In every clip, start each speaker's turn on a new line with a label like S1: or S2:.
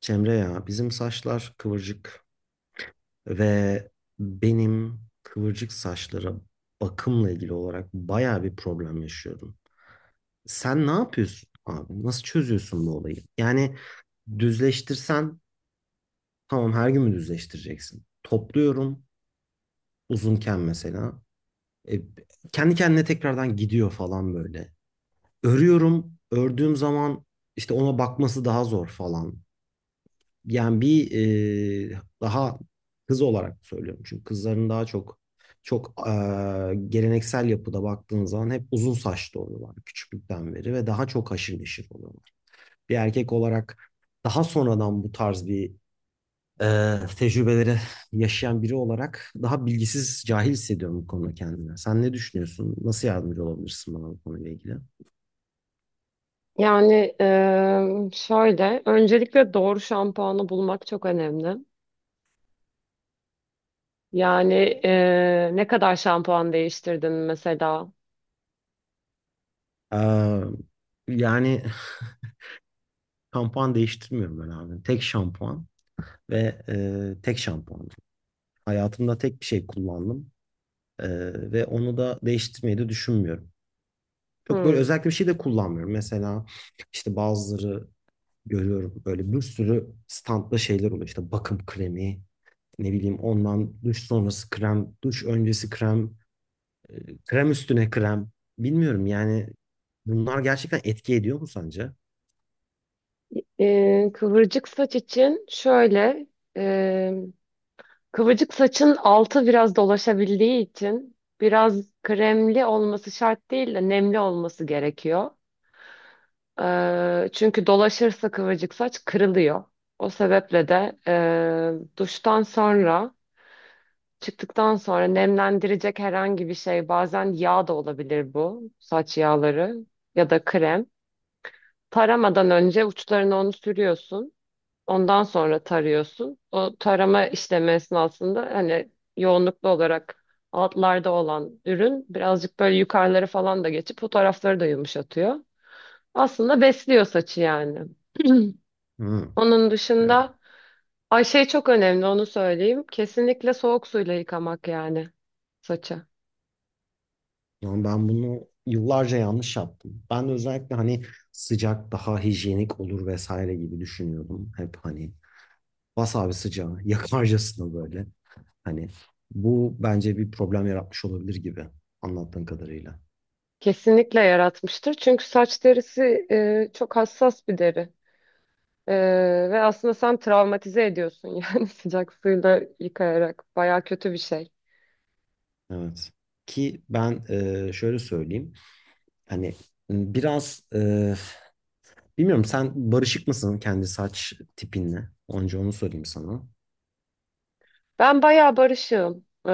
S1: Cemre ya bizim saçlar kıvırcık ve benim kıvırcık saçlara bakımla ilgili olarak bayağı bir problem yaşıyorum. Sen ne yapıyorsun abi? Nasıl çözüyorsun bu olayı? Yani düzleştirsen tamam her gün mü düzleştireceksin? Topluyorum uzunken mesela. E, Kendi kendine tekrardan gidiyor falan böyle. Örüyorum. Ördüğüm zaman işte ona bakması daha zor falan. Yani bir daha kız olarak söylüyorum. Çünkü kızların daha çok çok, geleneksel yapıda baktığın zaman hep uzun saçlı oluyorlar küçüklükten beri ve daha çok haşır neşir oluyorlar. Bir erkek olarak daha sonradan bu tarz bir tecrübeleri yaşayan biri olarak daha bilgisiz, cahil hissediyorum bu konuda kendimi. Sen ne düşünüyorsun? Nasıl yardımcı olabilirsin bana bu konuyla ilgili?
S2: Öncelikle doğru şampuanı bulmak çok önemli. Yani Ne kadar şampuan değiştirdin mesela?
S1: E, Yani şampuan değiştirmiyorum ben abi. Tek şampuan. Ve tek şampuanım. Hayatımda tek bir şey kullandım. E, Ve onu da değiştirmeyi de düşünmüyorum. Çok böyle
S2: Hmm.
S1: özellikle bir şey de kullanmıyorum. Mesela işte bazıları görüyorum böyle bir sürü standta şeyler oluyor. İşte bakım kremi, ne bileyim ondan duş sonrası krem, duş öncesi krem, krem üstüne krem. Bilmiyorum yani bunlar gerçekten etki ediyor mu sence?
S2: Kıvırcık saç için eee, kıvırcık saçın altı biraz dolaşabildiği için biraz kremli olması şart değil de nemli olması gerekiyor. Çünkü dolaşırsa kıvırcık saç kırılıyor. O sebeple de duştan sonra, çıktıktan sonra nemlendirecek herhangi bir şey, bazen yağ da olabilir bu, saç yağları ya da krem. Taramadan önce uçlarına onu sürüyorsun. Ondan sonra tarıyorsun. O tarama işlemi esnasında hani yoğunluklu olarak altlarda olan ürün birazcık böyle yukarıları falan da geçip o tarafları da yumuşatıyor. Aslında besliyor saçı yani.
S1: Hı.
S2: Onun dışında ay şey çok önemli, onu söyleyeyim. Kesinlikle soğuk suyla yıkamak yani saçı.
S1: Yani ben bunu yıllarca yanlış yaptım. Ben de özellikle hani sıcak daha hijyenik olur vesaire gibi düşünüyordum. Hep hani bas abi sıcağı yakarcasına böyle. Hani bu bence bir problem yaratmış olabilir gibi anlattığın kadarıyla.
S2: Kesinlikle yaratmıştır. Çünkü saç derisi çok hassas bir deri. E, ve aslında sen travmatize ediyorsun yani sıcak suyla yıkayarak. Baya kötü bir şey.
S1: Evet. Ki ben, şöyle söyleyeyim. Hani biraz, bilmiyorum sen barışık mısın kendi saç tipinle? Önce onu sorayım sana.
S2: Ben baya barışığım. E,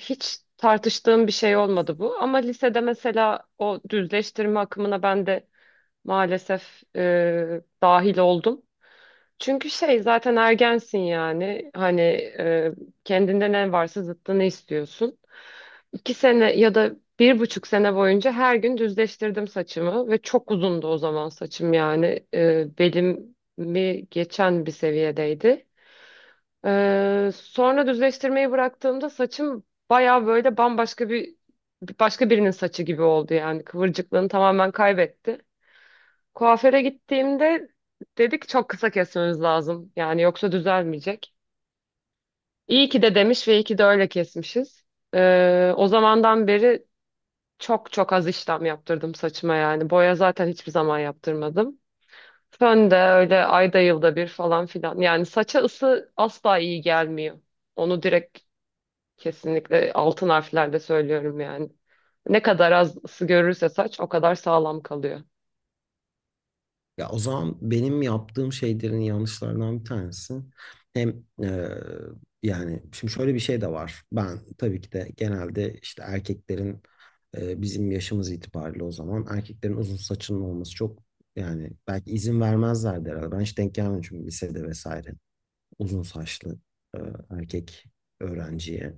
S2: hiç tartıştığım bir şey olmadı bu. Ama lisede mesela o düzleştirme akımına ben de maalesef dahil oldum. Çünkü şey zaten ergensin yani. Hani e, kendinde ne varsa zıttını istiyorsun. 2 sene ya da 1,5 sene boyunca her gün düzleştirdim saçımı ve çok uzundu o zaman saçım yani belimi geçen bir seviyedeydi. Sonra düzleştirmeyi bıraktığımda saçım baya böyle bambaşka, başka birinin saçı gibi oldu yani kıvırcıklığını tamamen kaybetti. Kuaföre gittiğimde dedik çok kısa kesmemiz lazım yani yoksa düzelmeyecek. İyi ki de demiş ve iyi ki de öyle kesmişiz. O zamandan beri çok çok az işlem yaptırdım saçıma yani. Boya zaten hiçbir zaman yaptırmadım. Fön de öyle ayda yılda bir falan filan. Yani saça ısı asla iyi gelmiyor. Onu direkt, kesinlikle altın harflerde söylüyorum yani. Ne kadar az ısı görürse saç o kadar sağlam kalıyor.
S1: Ya o zaman benim yaptığım şeylerin yanlışlarından bir tanesi hem yani şimdi şöyle bir şey de var. Ben tabii ki de genelde işte erkeklerin, bizim yaşımız itibariyle o zaman erkeklerin uzun saçının olması çok, yani belki izin vermezlerdi herhalde. Ben hiç denk gelmedim çünkü lisede vesaire uzun saçlı e, erkek öğrenciye.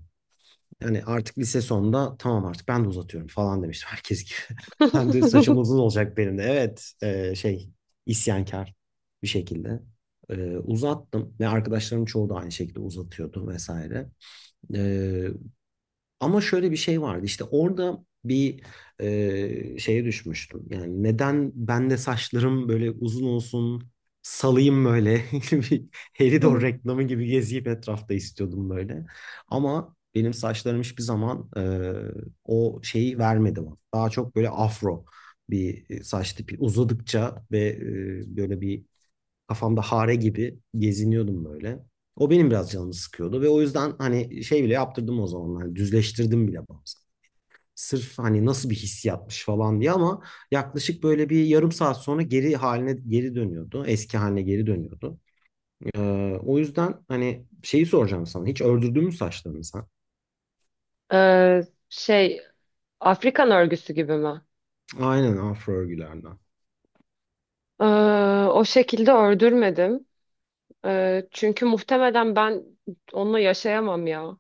S1: Yani artık lise sonunda tamam artık ben de uzatıyorum falan demiştim herkes gibi. Ben de saçım uzun olacak benim de. Evet, şey, isyankar bir şekilde. Uzattım ve arkadaşlarım çoğu da aynı şekilde uzatıyordu vesaire. E, Ama şöyle bir şey vardı işte orada bir şeye düşmüştüm. Yani neden ben de saçlarım böyle uzun olsun salayım böyle bir Helidor reklamı gibi geziyip etrafta istiyordum böyle. Ama benim saçlarım hiçbir zaman o şeyi vermedi bana. Daha çok böyle afro bir saç tipi uzadıkça ve böyle bir, kafamda hare gibi geziniyordum böyle. O benim biraz canımı sıkıyordu ve o yüzden hani şey bile yaptırdım o zamanlar. Düzleştirdim bile bazen. Sırf hani nasıl bir hissiyatmış falan diye ama yaklaşık böyle bir yarım saat sonra geri haline geri dönüyordu. Eski haline geri dönüyordu. Ee, O yüzden hani şeyi soracağım sana. Hiç ördürdün mü saçlarını sen?
S2: Ee, şey, Afrikan örgüsü gibi mi?
S1: Aynen afro örgülerden.
S2: Ee, o şekilde ördürmedim. Çünkü muhtemelen ben onunla yaşayamam ya.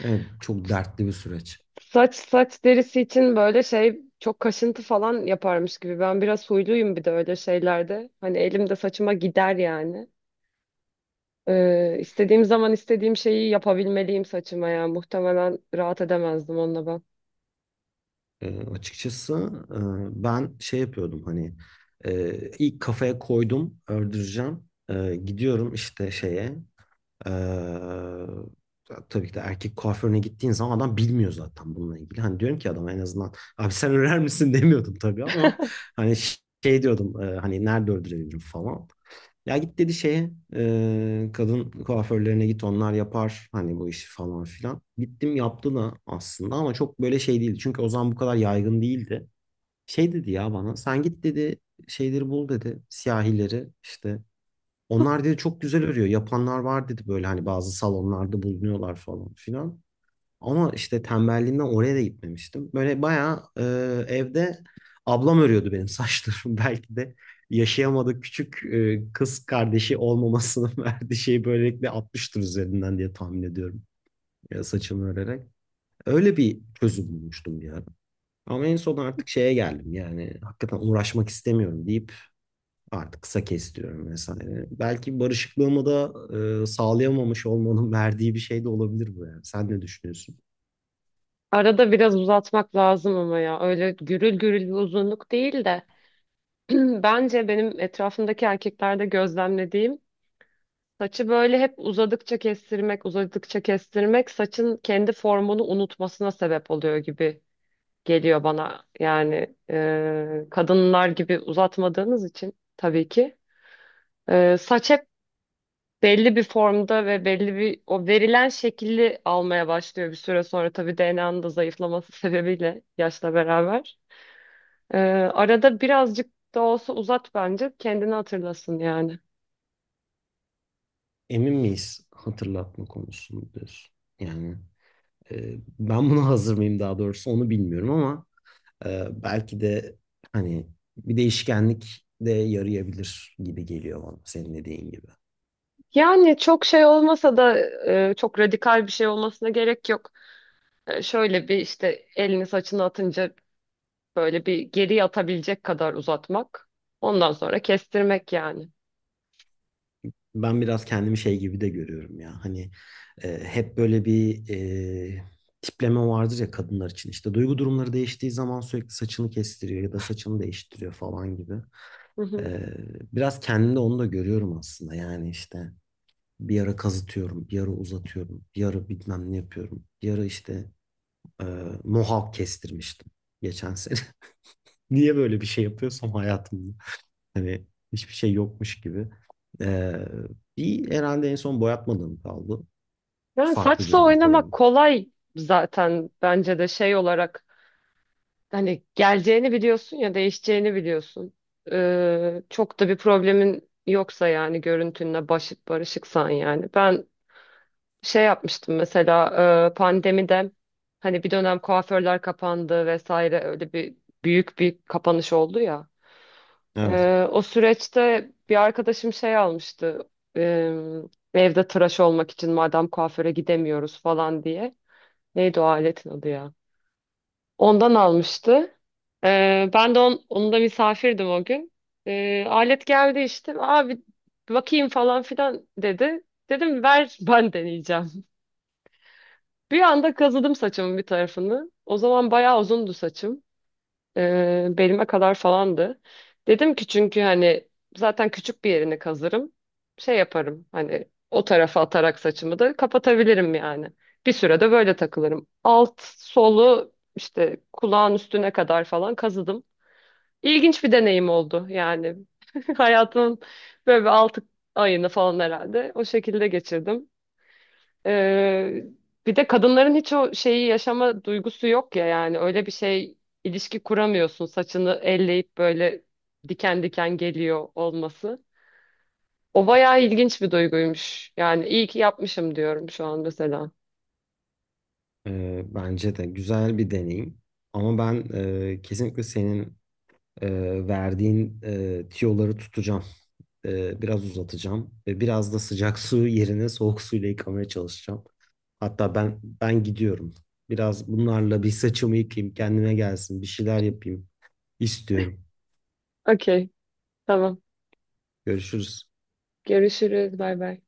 S1: Evet, çok dertli bir süreç.
S2: Saç derisi için böyle şey, çok kaşıntı falan yaparmış gibi. Ben biraz huyluyum bir de öyle şeylerde. Hani elimde saçıma gider yani. İstediğim zaman istediğim şeyi yapabilmeliyim saçıma ya. Muhtemelen rahat edemezdim onunla ben.
S1: Açıkçası e, ben şey yapıyordum hani, ilk kafaya koydum öldüreceğim. Gidiyorum işte şeye, ee, tabii ki de erkek kuaförüne gittiğin zaman adam bilmiyor zaten bununla ilgili. Hani diyorum ki adama en azından abi sen örer misin demiyordum tabii ama hani şey diyordum, hani nerede öldürebilirim falan. Ya git dedi şeye, kadın kuaförlerine git onlar yapar hani bu işi falan filan. Gittim yaptı da aslında ama çok böyle şey değildi. Çünkü o zaman bu kadar yaygın değildi. Şey dedi ya bana, sen git dedi şeyleri bul dedi siyahileri işte onlar dedi çok güzel örüyor. Yapanlar var dedi böyle hani bazı salonlarda bulunuyorlar falan filan. Ama işte tembelliğimden oraya da gitmemiştim. Böyle bayağı evde ablam örüyordu benim saçlarımı. Belki de yaşayamadık küçük kız kardeşi olmamasının verdiği şeyi böylelikle atmıştır üzerinden diye tahmin ediyorum. Ya saçımı örerek. Öyle bir çözüm bulmuştum bir ara. Ama en son artık şeye geldim yani hakikaten uğraşmak istemiyorum deyip artık kısa kestiriyorum vesaire. Belki barışıklığımı da sağlayamamış olmanın verdiği bir şey de olabilir bu yani. Sen ne düşünüyorsun?
S2: Arada biraz uzatmak lazım ama ya. Öyle gürül gürül bir uzunluk değil de. Bence benim etrafımdaki erkeklerde gözlemlediğim, saçı böyle hep uzadıkça kestirmek, uzadıkça kestirmek saçın kendi formunu unutmasına sebep oluyor gibi geliyor bana. Yani kadınlar gibi uzatmadığınız için tabii ki. Saç hep belli bir formda ve belli bir o verilen şekilli almaya başlıyor bir süre sonra. Tabii DNA'nın da zayıflaması sebebiyle yaşla beraber. E, arada birazcık da olsa uzat bence, kendini hatırlasın yani.
S1: Emin miyiz hatırlatma konusunda diyorsun? Yani, ben buna hazır mıyım daha doğrusu onu bilmiyorum ama belki de hani bir değişkenlik de yarayabilir gibi geliyor bana senin dediğin gibi.
S2: Yani çok şey olmasa da çok radikal bir şey olmasına gerek yok. Şöyle bir işte, elini saçını atınca böyle bir geri atabilecek kadar uzatmak. Ondan sonra kestirmek yani.
S1: Ben biraz kendimi şey gibi de görüyorum ya. Hani hep böyle bir e, tipleme vardır ya kadınlar için. İşte duygu durumları değiştiği zaman sürekli saçını kestiriyor ya da saçını değiştiriyor falan gibi.
S2: Hı hı.
S1: E, Biraz kendimde onu da görüyorum aslında. Yani işte bir ara kazıtıyorum, bir ara uzatıyorum, bir ara bilmem ne yapıyorum. Bir ara işte e, mohawk kestirmiştim geçen sene. Niye böyle bir şey yapıyorsam hayatımda. Hani hiçbir şey yokmuş gibi. Ee, Bir herhalde en son boyatmadığım kaldı.
S2: Yani
S1: Farklı bir
S2: saçla
S1: renk
S2: oynamak
S1: olabilir.
S2: kolay zaten, bence de şey olarak hani geleceğini biliyorsun ya, değişeceğini biliyorsun. Çok da bir problemin yoksa yani görüntünle barışıksan yani. Ben şey yapmıştım mesela, pandemide hani bir dönem kuaförler kapandı vesaire, öyle bir büyük bir kapanış oldu ya.
S1: Evet.
S2: O süreçte bir arkadaşım şey almıştı. Ee, Evde tıraş olmak için madem kuaföre gidemiyoruz falan diye. Neydi o aletin adı ya? Ondan almıştı. Ben de on, onun da misafirdim o gün. Alet geldi işte. Abi bakayım falan filan dedi. Dedim ver, ben deneyeceğim. Bir anda kazıdım saçımın bir tarafını. O zaman bayağı uzundu saçım, belime kadar falandı. Dedim ki çünkü hani zaten küçük bir yerini kazırım. Şey yaparım hani, o tarafa atarak saçımı da kapatabilirim yani. Bir sürede böyle takılırım. Alt solu işte kulağın üstüne kadar falan kazıdım. İlginç bir deneyim oldu yani. Hayatımın böyle bir 6 ayını falan herhalde o şekilde geçirdim. Ee, bir de kadınların hiç o şeyi yaşama duygusu yok ya yani, öyle bir şey, ilişki kuramıyorsun saçını elleyip, böyle diken diken geliyor olması. O bayağı ilginç bir duyguymuş. Yani iyi ki yapmışım diyorum şu an mesela.
S1: Bence de güzel bir deneyim. Ama ben kesinlikle senin e, verdiğin tiyoları tutacağım. Biraz uzatacağım. Ve biraz da sıcak su yerine soğuk suyla yıkamaya çalışacağım. Hatta ben gidiyorum. Biraz bunlarla bir saçımı yıkayayım, kendime gelsin, bir şeyler yapayım istiyorum.
S2: Okey, tamam.
S1: Görüşürüz.
S2: Görüşürüz. Bay bay.